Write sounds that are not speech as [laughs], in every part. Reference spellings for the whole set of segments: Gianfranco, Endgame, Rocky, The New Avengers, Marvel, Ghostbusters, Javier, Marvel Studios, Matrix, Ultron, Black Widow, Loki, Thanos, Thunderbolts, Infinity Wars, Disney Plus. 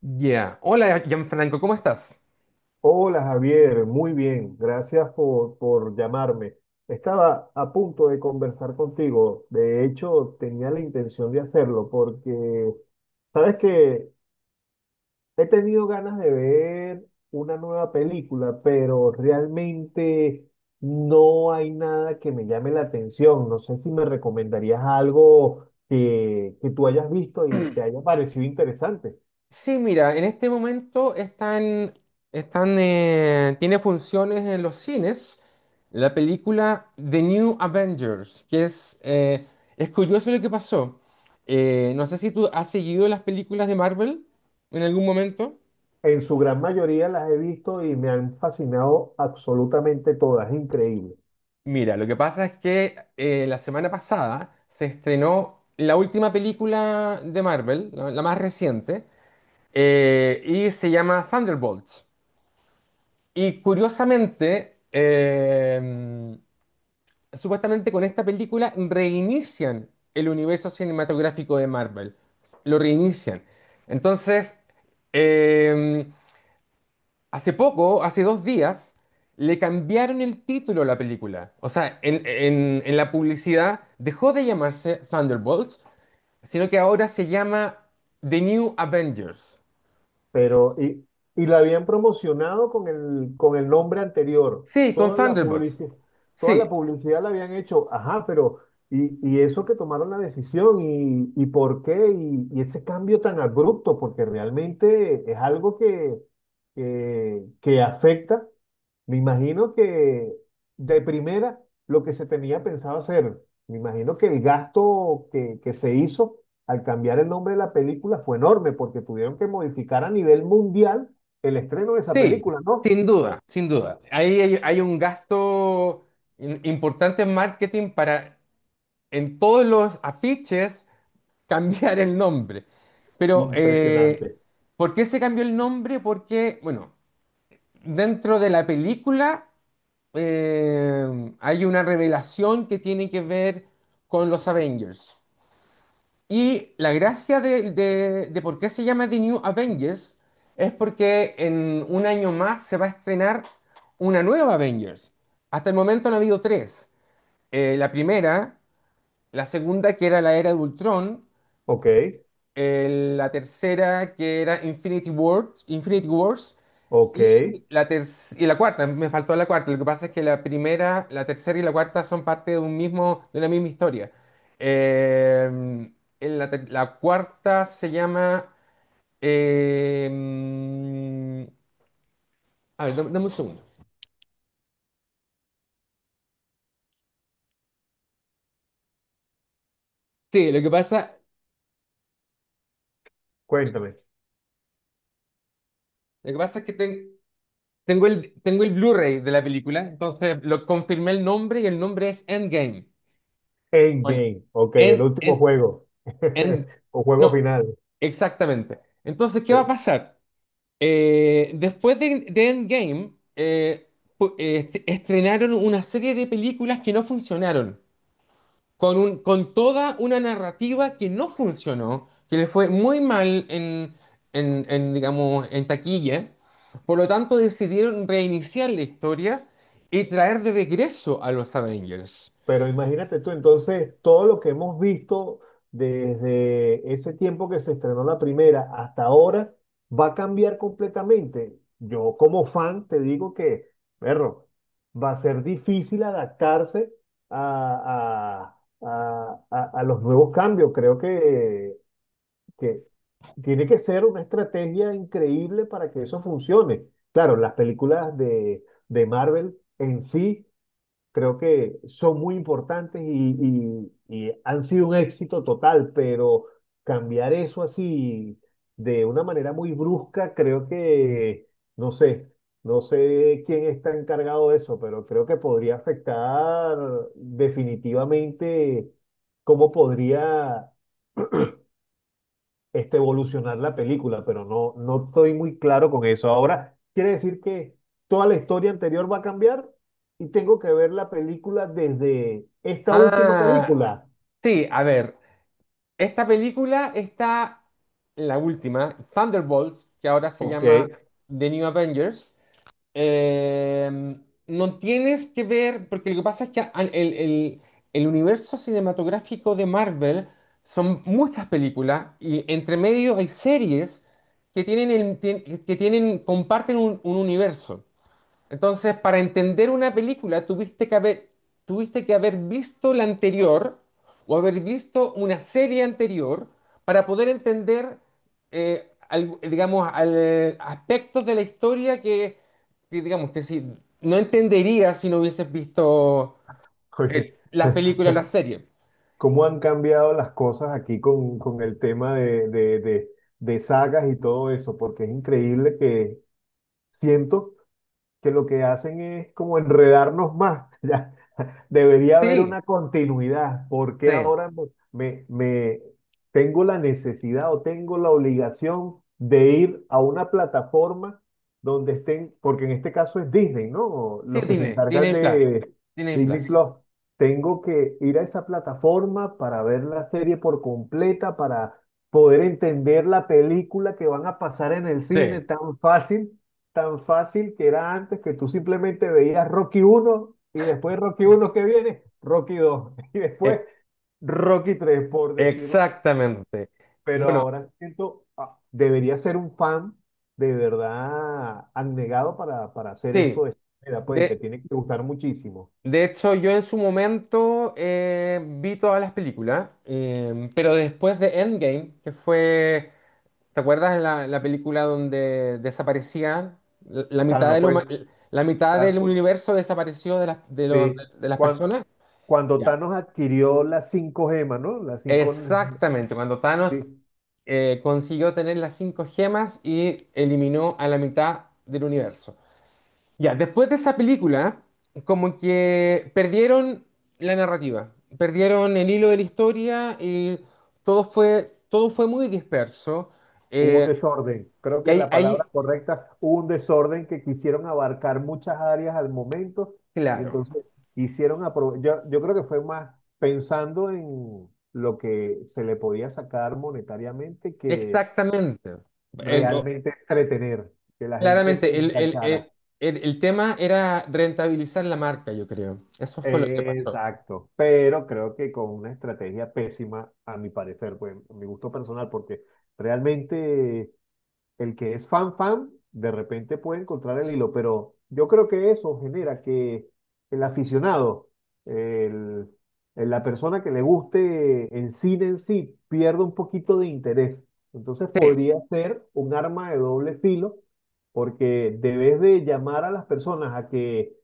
Ya. Hola, Gianfranco, ¿cómo estás? Hola Javier, muy bien, gracias por llamarme. Estaba a punto de conversar contigo. De hecho tenía la intención de hacerlo porque, sabes que he tenido ganas de ver una nueva película, pero realmente no hay nada que me llame la atención. No sé si me recomendarías algo que tú hayas visto y te haya parecido interesante. Sí, mira, en este momento tiene funciones en los cines la película The New Avengers, es curioso lo que pasó. No sé si tú has seguido las películas de Marvel en algún momento. En su gran mayoría las he visto y me han fascinado absolutamente todas, es increíble. Mira, lo que pasa es que la semana pasada se estrenó la última película de Marvel, la más reciente, y se llama Thunderbolts. Y curiosamente, supuestamente con esta película reinician el universo cinematográfico de Marvel. Lo reinician. Entonces, eh, hace poco, hace 2 días, le cambiaron el título a la película. O sea, en la publicidad dejó de llamarse Thunderbolts, sino que ahora se llama The New Avengers. Pero, y, y la habían promocionado con el nombre anterior. Sí, con Thunderbolts. Toda la Sí, publicidad la habían hecho. Ajá, pero, y eso que tomaron la decisión, ¿y por qué? Y ese cambio tan abrupto, porque realmente es algo que afecta. Me imagino que de primera lo que se tenía pensado hacer. Me imagino que el gasto que se hizo al cambiar el nombre de la película fue enorme porque tuvieron que modificar a nivel mundial el estreno de esa sí, película, ¿no? sin duda, sin duda. Ahí hay un gasto importante en marketing para en todos los afiches [laughs] cambiar el nombre. Pero, Impresionante. ¿por qué se cambió el nombre? Porque, bueno, dentro de la película eh, hay una revelación que tiene que ver con los Avengers. Y la gracia de por qué se llama The New Avengers es porque en un año más se va a estrenar una nueva Avengers. Hasta el momento han habido tres. La primera, la segunda que era la era de Ultron, Ok, la tercera que era Infinity Wars, ok. y la, ter- y la cuarta, me faltó la cuarta. Lo que pasa es que la primera, la tercera y la cuarta son parte de un mismo, de una misma historia. Eh, en la cuarta se llama, eh, a ver, dame un segundo. Sí, Cuéntame. lo que pasa es que tengo el Blu-ray de la película, entonces lo confirmé el nombre y el nombre es Endgame. Bueno, Endgame. Ok, el End, último End- juego. En- [laughs] O juego No, final. exactamente. Entonces, ¿qué va a Eh, pasar? Después de Endgame, estrenaron una serie de películas que no funcionaron, con toda una narrativa que no funcionó, que le fue muy mal en, digamos, en taquilla. Por lo tanto, decidieron reiniciar la historia y traer de regreso a los Avengers. Pero imagínate tú, entonces, todo lo que hemos visto desde ese tiempo que se estrenó la primera hasta ahora va a cambiar completamente. Yo como fan te digo que, perro, va a ser difícil adaptarse a, a- a los nuevos cambios. Creo que tiene que ser una estrategia increíble para que eso funcione. Claro, las películas de Marvel en sí creo que son muy importantes y han sido un éxito total, pero cambiar eso así de una manera muy brusca, creo que, no sé, no sé quién está encargado de eso, pero creo que podría afectar definitivamente cómo podría este, evolucionar la película, pero no, no estoy muy claro con eso. Ahora, quiere decir que toda la historia anterior va a cambiar y tengo que ver la película desde esta última Ah, película. sí, a ver. Esta película la última, Thunderbolts, que ahora se Ok, llama [laughs] The New Avengers, eh, no tienes que ver, porque lo que pasa es que el universo cinematográfico de Marvel son muchas películas y entre medio hay series que tienen, comparten un universo. Entonces, para entender una película, tuviste que haber visto la anterior o haber visto una serie anterior para poder entender, digamos, aspectos de la historia que, digamos, que si, no entenderías si no hubieses visto eh, Oye, las películas, las series. ¿cómo han cambiado las cosas aquí con el tema de sagas y todo eso? Porque es increíble que siento que lo que hacen es como enredarnos más. [laughs] Ya, debería haber Sí, una continuidad. Porque sí, ahora me- me- tengo la necesidad o tengo la obligación de ir a una plataforma donde estén, porque en este caso es Disney, ¿no? sí, Los que se Disney, encargan Disney Plus, de Disney Disney Plus. Plus. Tengo que ir a esa plataforma para ver la serie por completa, para poder entender la película que van a pasar en el Sí, cine tan fácil, tan fácil que era antes, que tú simplemente veías Rocky uno y después Rocky uno que viene, Rocky 2 [laughs] y después Rocky tres, por decirlo. exactamente. Pero Bueno, ahora siento, ah, debería ser un fan de verdad abnegado para hacer sí. esto de esta manera, pues, y De, te tiene que gustar muchísimo. De hecho, yo en su momento vi todas las películas, pero después de Endgame, que fue, ¿te acuerdas la película donde desaparecía la mitad Thanos, de pues, la mitad del Thanos, universo desapareció sí. de las personas? Cuando Ya. Thanos adquirió las cinco gemas, ¿no? Las cinco, Exactamente, cuando Thanos sí. Consiguió tener las cinco gemas y eliminó a la mitad del universo. Ya, después de esa película, como que perdieron la narrativa, perdieron el hilo de la historia y todo fue muy disperso. Hubo un Eh, desorden. Creo y que ahí, la palabra ahí, correcta, hubo un desorden, que quisieron abarcar muchas áreas al momento y claro, entonces hicieron yo creo que fue más pensando en lo que se le podía sacar monetariamente que exactamente. Eh, o- realmente entretener, que la gente se Claramente, el, el- enganchara. el- el- el tema era rentabilizar la marca, yo creo. Eso fue lo que pasó. Exacto, pero creo que con una estrategia pésima, a mi parecer, pues, a mi gusto personal, porque realmente el que es fan fan, de repente puede encontrar el hilo, pero yo creo que eso genera que el aficionado, el- la persona que le guste en cine en sí, pierda un poquito de interés. Entonces podría ser un arma de doble filo, porque debes de llamar a las personas a que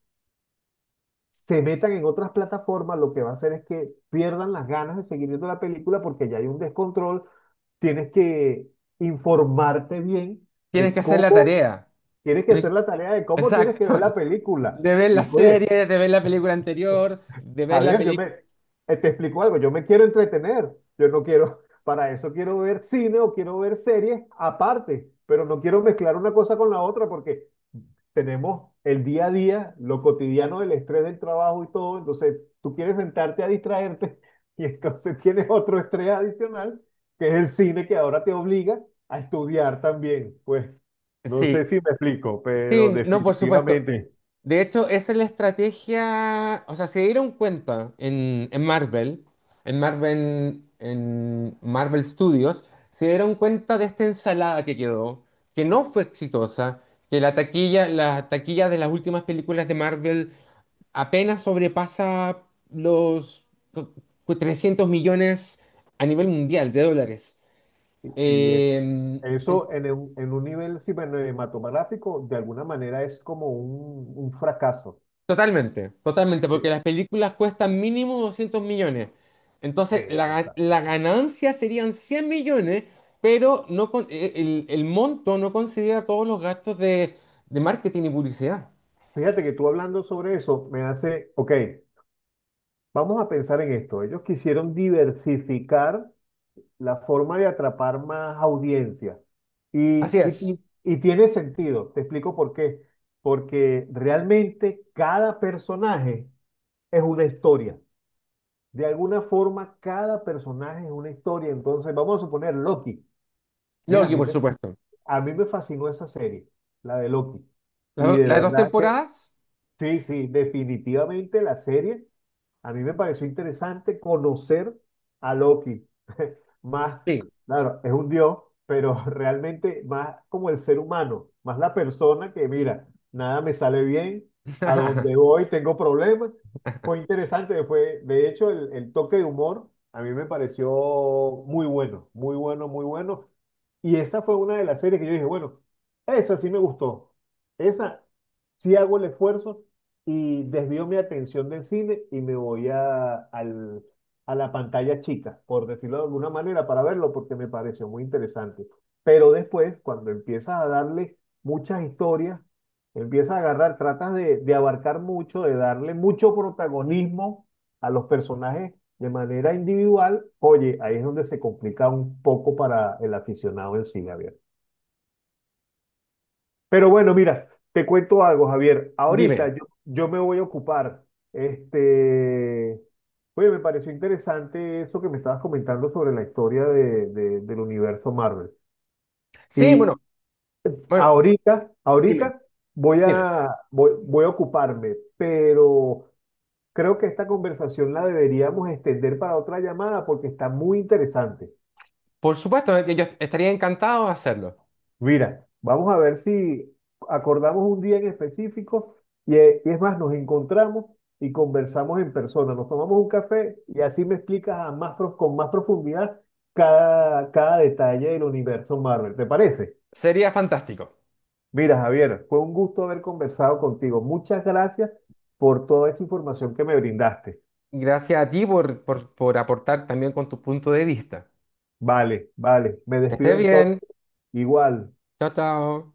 se metan en otras plataformas. Lo que va a hacer es que pierdan las ganas de seguir viendo la película porque ya hay un descontrol. Tienes que informarte bien Tienes que de hacer la tarea. tienes que hacer Tienes- la tarea, de cómo tienes que ver Exacto. la película. De ver la Y serie, oye, de ver la película anterior, de ver la Javier, película. Te explico algo, yo me quiero entretener, yo no quiero, [laughs] para eso quiero ver cine o quiero ver series aparte, pero no quiero mezclar una cosa con la otra porque tenemos el día a día, lo cotidiano, el estrés del trabajo y todo, entonces tú quieres sentarte a distraerte [laughs] y entonces tienes otro estrés adicional, que es el cine que ahora te obliga a estudiar también, pues no sé Sí. si me explico, pero Sí, no, por supuesto. definitivamente. De hecho, esa es la estrategia, o sea, se dieron cuenta en Marvel Studios, se dieron cuenta de esta ensalada que quedó, que no fue exitosa, que la taquilla de las últimas películas de Marvel apenas sobrepasa los 300 millones a nivel mundial de dólares. Y, y eso, Eh, eso en en un nivel sí, bueno, cinematográfico, de alguna manera es como un fracaso. Totalmente, totalmente, porque Eh, las películas cuestan mínimo 200 millones. Entonces, exacto, la exacto. ganancia serían 100 millones, pero no con- el monto no considera todos los gastos de marketing y publicidad. Fíjate que tú hablando sobre eso me hace, ok, vamos a pensar en esto. Ellos quisieron diversificar la forma de atrapar más audiencia. Así Y, y, es. y y tiene sentido, te explico por qué. Porque realmente cada personaje es una historia. De alguna forma, cada personaje es una historia. Entonces, vamos a suponer Loki. Mira, Loki, por supuesto. a mí me fascinó esa serie, la de Loki. Y de ¿Las dos verdad que temporadas? sí, sí, definitivamente la serie a mí me pareció interesante conocer a Loki. [laughs] Más, Sí. claro, es un dios, pero [laughs] realmente más como el ser humano, más la persona que, mira, nada me sale bien, a donde [laughs] voy tengo problemas. Fue interesante, fue, de hecho, el toque de humor a mí me pareció muy bueno, muy bueno, muy bueno. Y esa fue una de las series que yo dije, bueno, esa sí me gustó. Esa sí hago el esfuerzo y desvío mi atención del cine y me voy a, a la pantalla chica, por decirlo de alguna manera, para verlo porque me pareció muy interesante. Pero después, cuando empiezas a darle muchas historias, empiezas a agarrar, tratas de abarcar mucho, de darle mucho protagonismo a los personajes de manera individual, oye, ahí es donde se complica un poco para el aficionado en sí, Gabriel. Pero bueno, mira, te cuento algo, Javier. Dime. Ahorita yo me voy a ocupar. Este, oye, me pareció interesante eso que me estabas comentando sobre la historia del universo Marvel. Sí, bueno, Y bueno, dime, ahorita dime. Voy a ocuparme, pero creo que esta conversación la deberíamos extender para otra llamada porque está muy interesante. Por supuesto, yo estaría encantado de hacerlo. Mira, vamos a ver si acordamos un día en específico y es más, nos encontramos y conversamos en persona, nos tomamos un café y así me explicas a más, con más profundidad cada detalle del universo Marvel. ¿Te parece? Sería fantástico. Mira, Javier, fue un gusto haber conversado contigo. Muchas gracias por toda esa información que me brindaste. Gracias a ti por aportar también con tu punto de vista. Vale, vale, me Que despido esté bien. entonces. Igual. Chao, chao.